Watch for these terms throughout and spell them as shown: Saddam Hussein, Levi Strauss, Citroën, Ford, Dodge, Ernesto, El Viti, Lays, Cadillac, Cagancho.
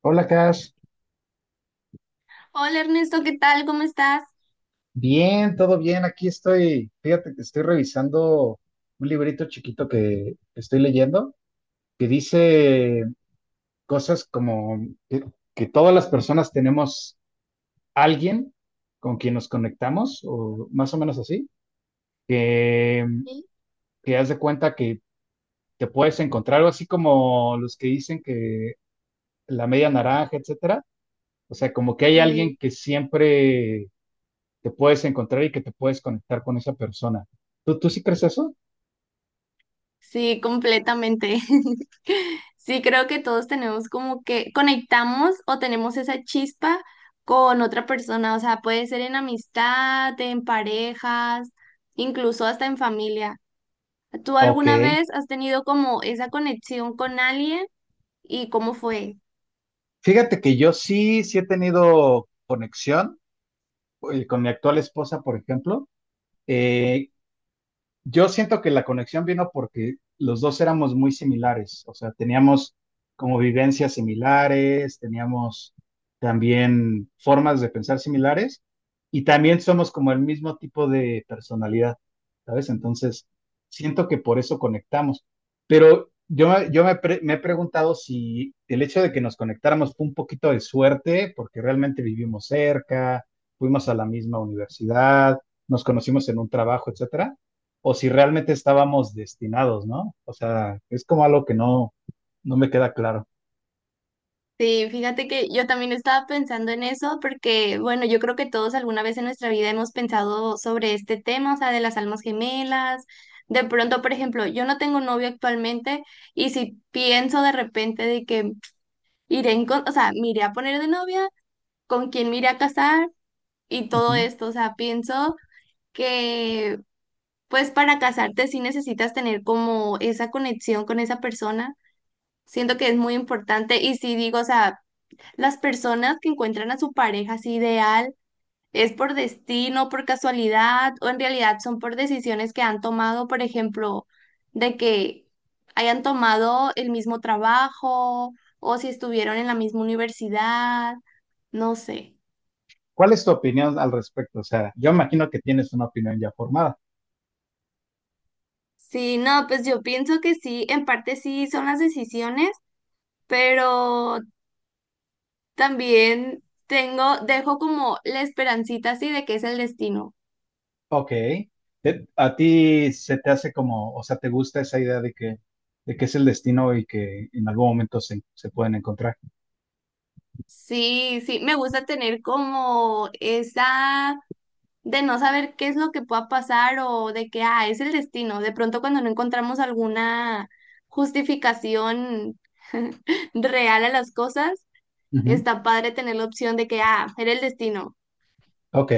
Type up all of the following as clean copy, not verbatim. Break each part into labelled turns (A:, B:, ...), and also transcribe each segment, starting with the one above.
A: Hola, Cash.
B: Hola Ernesto, ¿qué tal? ¿Cómo estás?
A: Bien, todo bien. Aquí estoy. Fíjate que estoy revisando un librito chiquito que estoy leyendo que dice cosas como que, que todas las personas tenemos alguien con quien nos conectamos, o más o menos así, que,
B: Sí.
A: que haz de cuenta que te puedes encontrar algo así como los que dicen que la media naranja, etcétera. O sea, como que hay alguien
B: Sí,
A: que siempre te puedes encontrar y que te puedes conectar con esa persona. ¿Tú sí crees eso?
B: sí, completamente. Sí, creo que todos tenemos como que conectamos o tenemos esa chispa con otra persona, o sea, puede ser en amistad, en parejas, incluso hasta en familia. ¿Tú alguna
A: Ok.
B: vez has tenido como esa conexión con alguien y cómo fue?
A: Fíjate que yo sí, sí he tenido conexión con mi actual esposa, por ejemplo. Eh, Yo siento que la conexión vino porque los dos éramos muy similares, o sea, teníamos como vivencias similares, teníamos también formas de pensar similares y también somos como el mismo tipo de personalidad, ¿sabes? Entonces, siento que por eso conectamos. Pero me he preguntado si el hecho de que nos conectáramos fue un poquito de suerte, porque realmente vivimos cerca, fuimos a la misma universidad, nos conocimos en un trabajo, etcétera, o si realmente estábamos destinados, ¿no? O sea, es como algo que no me queda claro.
B: Sí, fíjate que yo también estaba pensando en eso porque, bueno, yo creo que todos alguna vez en nuestra vida hemos pensado sobre este tema, o sea, de las almas gemelas. De pronto, por ejemplo, yo no tengo novio actualmente y si pienso de repente de que iré en, o sea, me iré a poner de novia, con quién me iré a casar y
A: Uh
B: todo
A: -huh.
B: esto, o sea, pienso que pues para casarte sí necesitas tener como esa conexión con esa persona. Siento que es muy importante y sí digo, o sea, las personas que encuentran a su pareja así ideal, ¿es por destino, por casualidad o en realidad son por decisiones que han tomado, por ejemplo, de que hayan tomado el mismo trabajo o si estuvieron en la misma universidad? No sé.
A: ¿Cuál es tu opinión al respecto? O sea, yo imagino que tienes una opinión ya formada.
B: Sí, no, pues yo pienso que sí, en parte sí son las decisiones, pero también tengo, dejo como la esperancita así de que es el destino.
A: Ok. ¿A ti se te hace como, o sea, te gusta esa idea de que es el destino y que en algún momento se pueden encontrar?
B: Sí, sí, me gusta tener como esa de no saber qué es lo que pueda pasar o de que, ah, es el destino. De pronto cuando no encontramos alguna justificación real a las cosas,
A: Ujú.
B: está padre tener la opción de que, ah, era el destino.
A: Ok.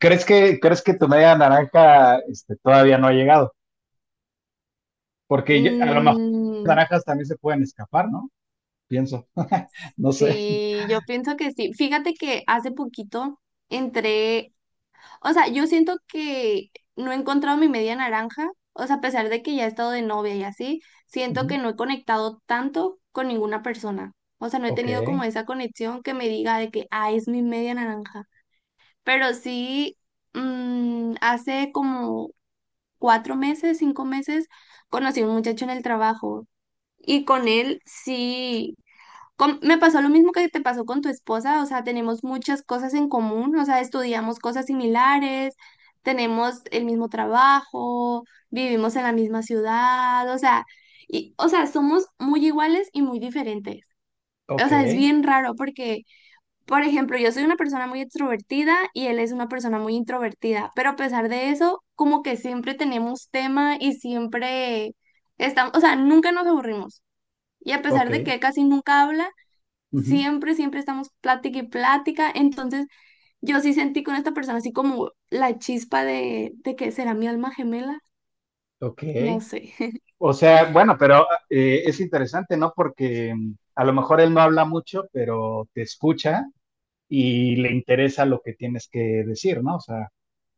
A: ¿Crees crees que tu media naranja este, todavía no ha llegado? Porque a lo mejor las
B: Mm,
A: naranjas también se pueden escapar, ¿no? Pienso. No sé.
B: sí, yo pienso que sí. Fíjate que hace poquito entré. O sea, yo siento que no he encontrado mi media naranja, o sea, a pesar de que ya he estado de novia y así, siento
A: Ujú.
B: que no he conectado tanto con ninguna persona. O sea, no he
A: Ok,
B: tenido como esa conexión que me diga de que, ah, es mi media naranja. Pero sí, hace como 4 meses, 5 meses, conocí a un muchacho en el trabajo y con él sí me pasó lo mismo que te pasó con tu esposa, o sea, tenemos muchas cosas en común, o sea, estudiamos cosas similares, tenemos el mismo trabajo, vivimos en la misma ciudad, o sea, y, o sea, somos muy iguales y muy diferentes. O
A: ok,
B: sea, es bien raro porque, por ejemplo, yo soy una persona muy extrovertida y él es una persona muy introvertida, pero a pesar de eso, como que siempre tenemos tema y siempre estamos, o sea, nunca nos aburrimos. Y a pesar
A: ok,
B: de que él casi nunca habla,
A: ujú,
B: siempre, siempre estamos plática y plática. Entonces, yo sí sentí con esta persona así como la chispa de que será mi alma gemela.
A: ok.
B: No sé.
A: O sea, bueno, pero es interesante, ¿no? Porque mm, a lo mejor él no habla mucho, pero te escucha y le interesa lo que tienes que decir, ¿no? O sea,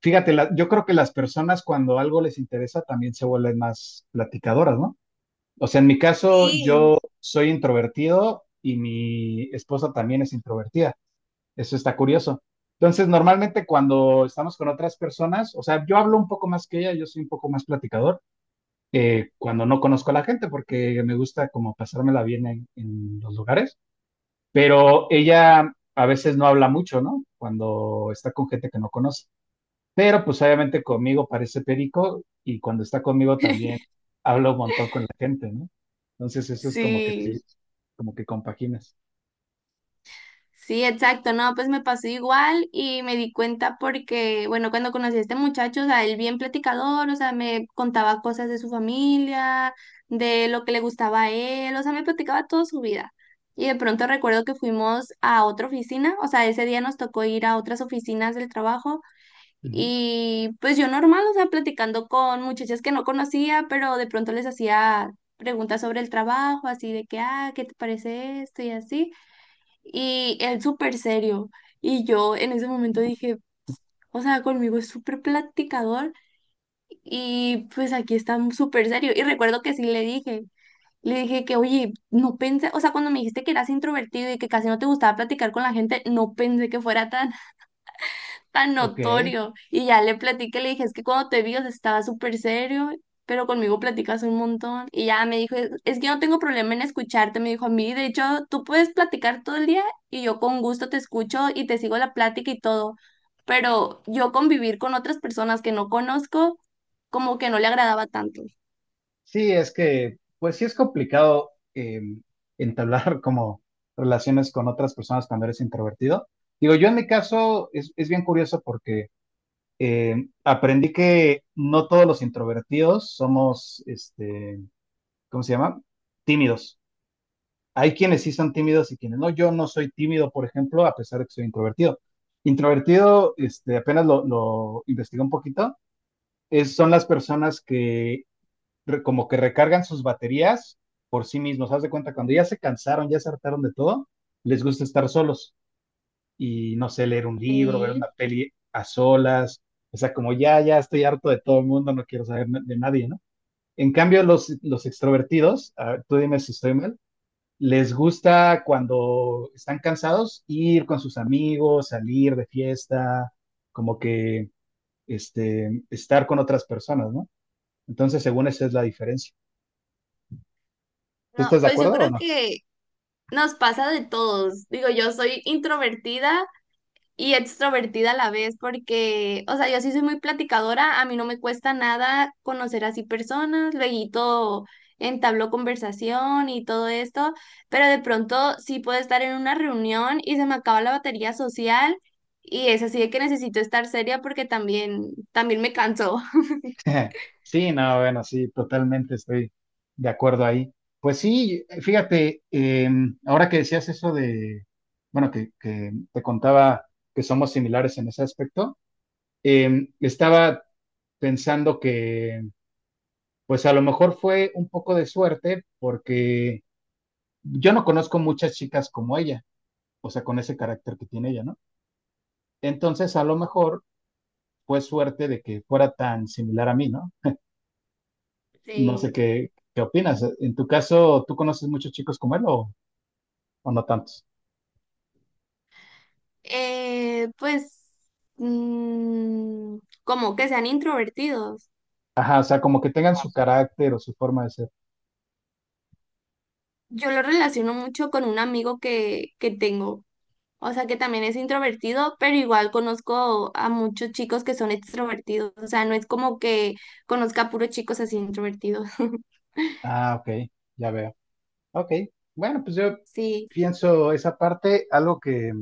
A: fíjate, yo creo que las personas cuando algo les interesa también se vuelven más platicadoras, ¿no? O sea, en mi caso,
B: Sí.
A: yo soy introvertido y mi esposa también es introvertida. Eso está curioso. Entonces, normalmente cuando estamos con otras personas, o sea, yo hablo un poco más que ella, yo soy un poco más platicador cuando no conozco a la gente, porque me gusta como pasármela bien en los lugares, pero ella a veces no habla mucho, ¿no? Cuando está con gente que no conoce. Pero pues obviamente conmigo parece perico y cuando está conmigo también habla un montón con la gente, ¿no? Entonces eso es como que
B: Sí,
A: como que compaginas.
B: sí, exacto. No, pues me pasó igual y me di cuenta porque, bueno, cuando conocí a este muchacho, o sea, él bien platicador, o sea, me contaba cosas de su familia, de lo que le gustaba a él, o sea, me platicaba toda su vida. Y de pronto recuerdo que fuimos a otra oficina, o sea, ese día nos tocó ir a otras oficinas del trabajo.
A: Ujú.
B: Y pues yo normal, o sea, platicando con muchachas que no conocía, pero de pronto les hacía preguntas sobre el trabajo, así de que, ah, ¿qué te parece esto? Y así. Y él súper serio. Y yo en ese momento dije, o sea, conmigo es súper platicador y pues aquí está súper serio. Y recuerdo que sí le dije que, oye, no pensé, o sea, cuando me dijiste que eras introvertido y que casi no te gustaba platicar con la gente, no pensé que fuera tan tan
A: Ok.
B: notorio. Y ya le platiqué, le dije, es que cuando te vi, o sea, estaba súper serio, pero conmigo platicas un montón. Y ya me dijo, es que yo no tengo problema en escucharte, me dijo a mí, de hecho, tú puedes platicar todo el día y yo con gusto te escucho y te sigo la plática y todo. Pero yo convivir con otras personas que no conozco, como que no le agradaba tanto.
A: Sí, es que, pues sí es complicado entablar como relaciones con otras personas cuando eres introvertido. Digo, yo en mi caso es bien curioso porque aprendí que no todos los introvertidos somos, este, ¿cómo se llama? Tímidos. Hay quienes sí son tímidos y quienes no. Yo no soy tímido, por ejemplo, a pesar de que soy introvertido. Introvertido, este, apenas lo investigué un poquito, son las personas que como que recargan sus baterías por sí mismos. Haz de cuenta, cuando ya se cansaron, ya se hartaron de todo, les gusta estar solos y no sé, leer un libro, ver
B: Sí.
A: una peli a solas. O sea, como ya estoy harto de todo el mundo, no quiero saber de nadie, ¿no? En cambio, los extrovertidos, a ver, tú dime si estoy mal, les gusta cuando están cansados ir con sus amigos, salir de fiesta, como que este, estar con otras personas, ¿no? Entonces, según esa es la diferencia. ¿Tú
B: No,
A: estás de
B: pues yo
A: acuerdo o
B: creo
A: no?
B: que nos pasa de todos. Digo, yo soy introvertida y extrovertida a la vez, porque, o sea, yo sí soy muy platicadora, a mí no me cuesta nada conocer así personas, luego entabló conversación y todo esto, pero de pronto sí puedo estar en una reunión y se me acaba la batería social y es así de que necesito estar seria porque también, también me canso.
A: Sí, no, bueno, sí, totalmente estoy de acuerdo ahí. Pues sí, fíjate, ahora que decías eso de, bueno, que te contaba que somos similares en ese aspecto, estaba pensando que, pues a lo mejor fue un poco de suerte porque yo no conozco muchas chicas como ella, o sea, con ese carácter que tiene ella, ¿no? Entonces, a lo mejor fue suerte de que fuera tan similar a mí, ¿no? No sé
B: Sí.
A: qué opinas. En tu caso, ¿tú conoces muchos chicos como él o no tantos?
B: Pues, mm, como que sean introvertidos.
A: Ajá, o sea, como que tengan su carácter o su forma de ser.
B: Yo lo relaciono mucho con un amigo que tengo. O sea, que también es introvertido, pero igual conozco a muchos chicos que son extrovertidos. O sea, no es como que conozca a puros chicos así introvertidos.
A: Ah, ok, ya veo. Ok, bueno, pues yo
B: Sí,
A: pienso esa parte. Algo que,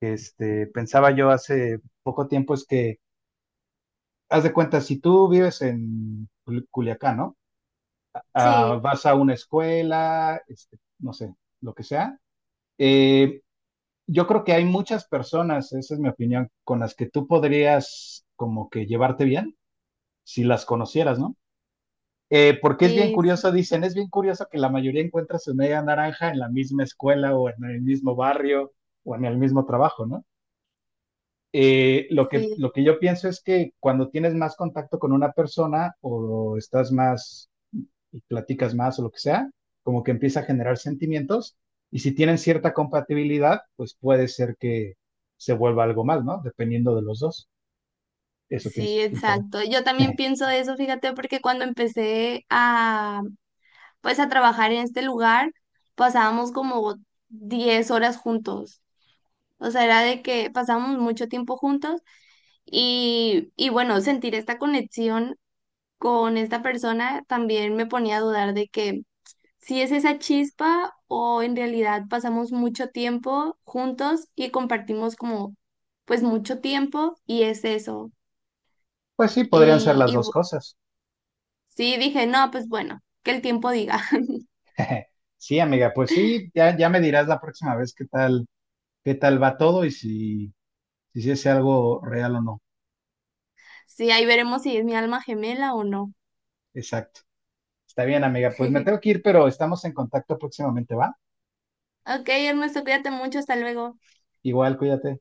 A: que, este, pensaba yo hace poco tiempo es que, haz de cuenta, si tú vives en Culiacán, ¿no? Ah,
B: sí,
A: vas a una escuela, este, no sé, lo que sea. eh, yo creo que hay muchas personas, esa es mi opinión, con las que tú podrías como que llevarte bien si las conocieras, ¿no? Porque es bien
B: sí,
A: curioso, dicen, es bien curioso que la mayoría encuentra su media naranja en la misma escuela o en el mismo barrio o en el mismo trabajo, ¿no?
B: sí,
A: Lo que yo pienso es que cuando tienes más contacto con una persona o estás más y platicas más o lo que sea, como que empieza a generar sentimientos y si tienen cierta compatibilidad, pues puede ser que se vuelva algo más, ¿no? Dependiendo de los dos. Eso pienso,
B: sí,
A: quién sabe.
B: exacto. Yo también pienso eso, fíjate, porque cuando empecé a, pues, a trabajar en este lugar, pasábamos como 10 horas juntos. O sea, era de que pasábamos mucho tiempo juntos y bueno, sentir esta conexión con esta persona también me ponía a dudar de que si es esa chispa o en realidad pasamos mucho tiempo juntos y compartimos como pues mucho tiempo y es eso.
A: Pues sí, podrían ser las
B: Y
A: dos cosas.
B: sí dije, no, pues bueno, que el tiempo diga.
A: Sí, amiga, pues sí, ya, ya me dirás la próxima vez qué tal, va todo y si, si es algo real o no.
B: Sí, ahí veremos si es mi alma gemela o no.
A: Exacto. Está bien, amiga. Pues me tengo que ir, pero estamos en contacto próximamente, ¿va?
B: Ok, Ernesto, cuídate mucho, hasta luego.
A: Igual, cuídate.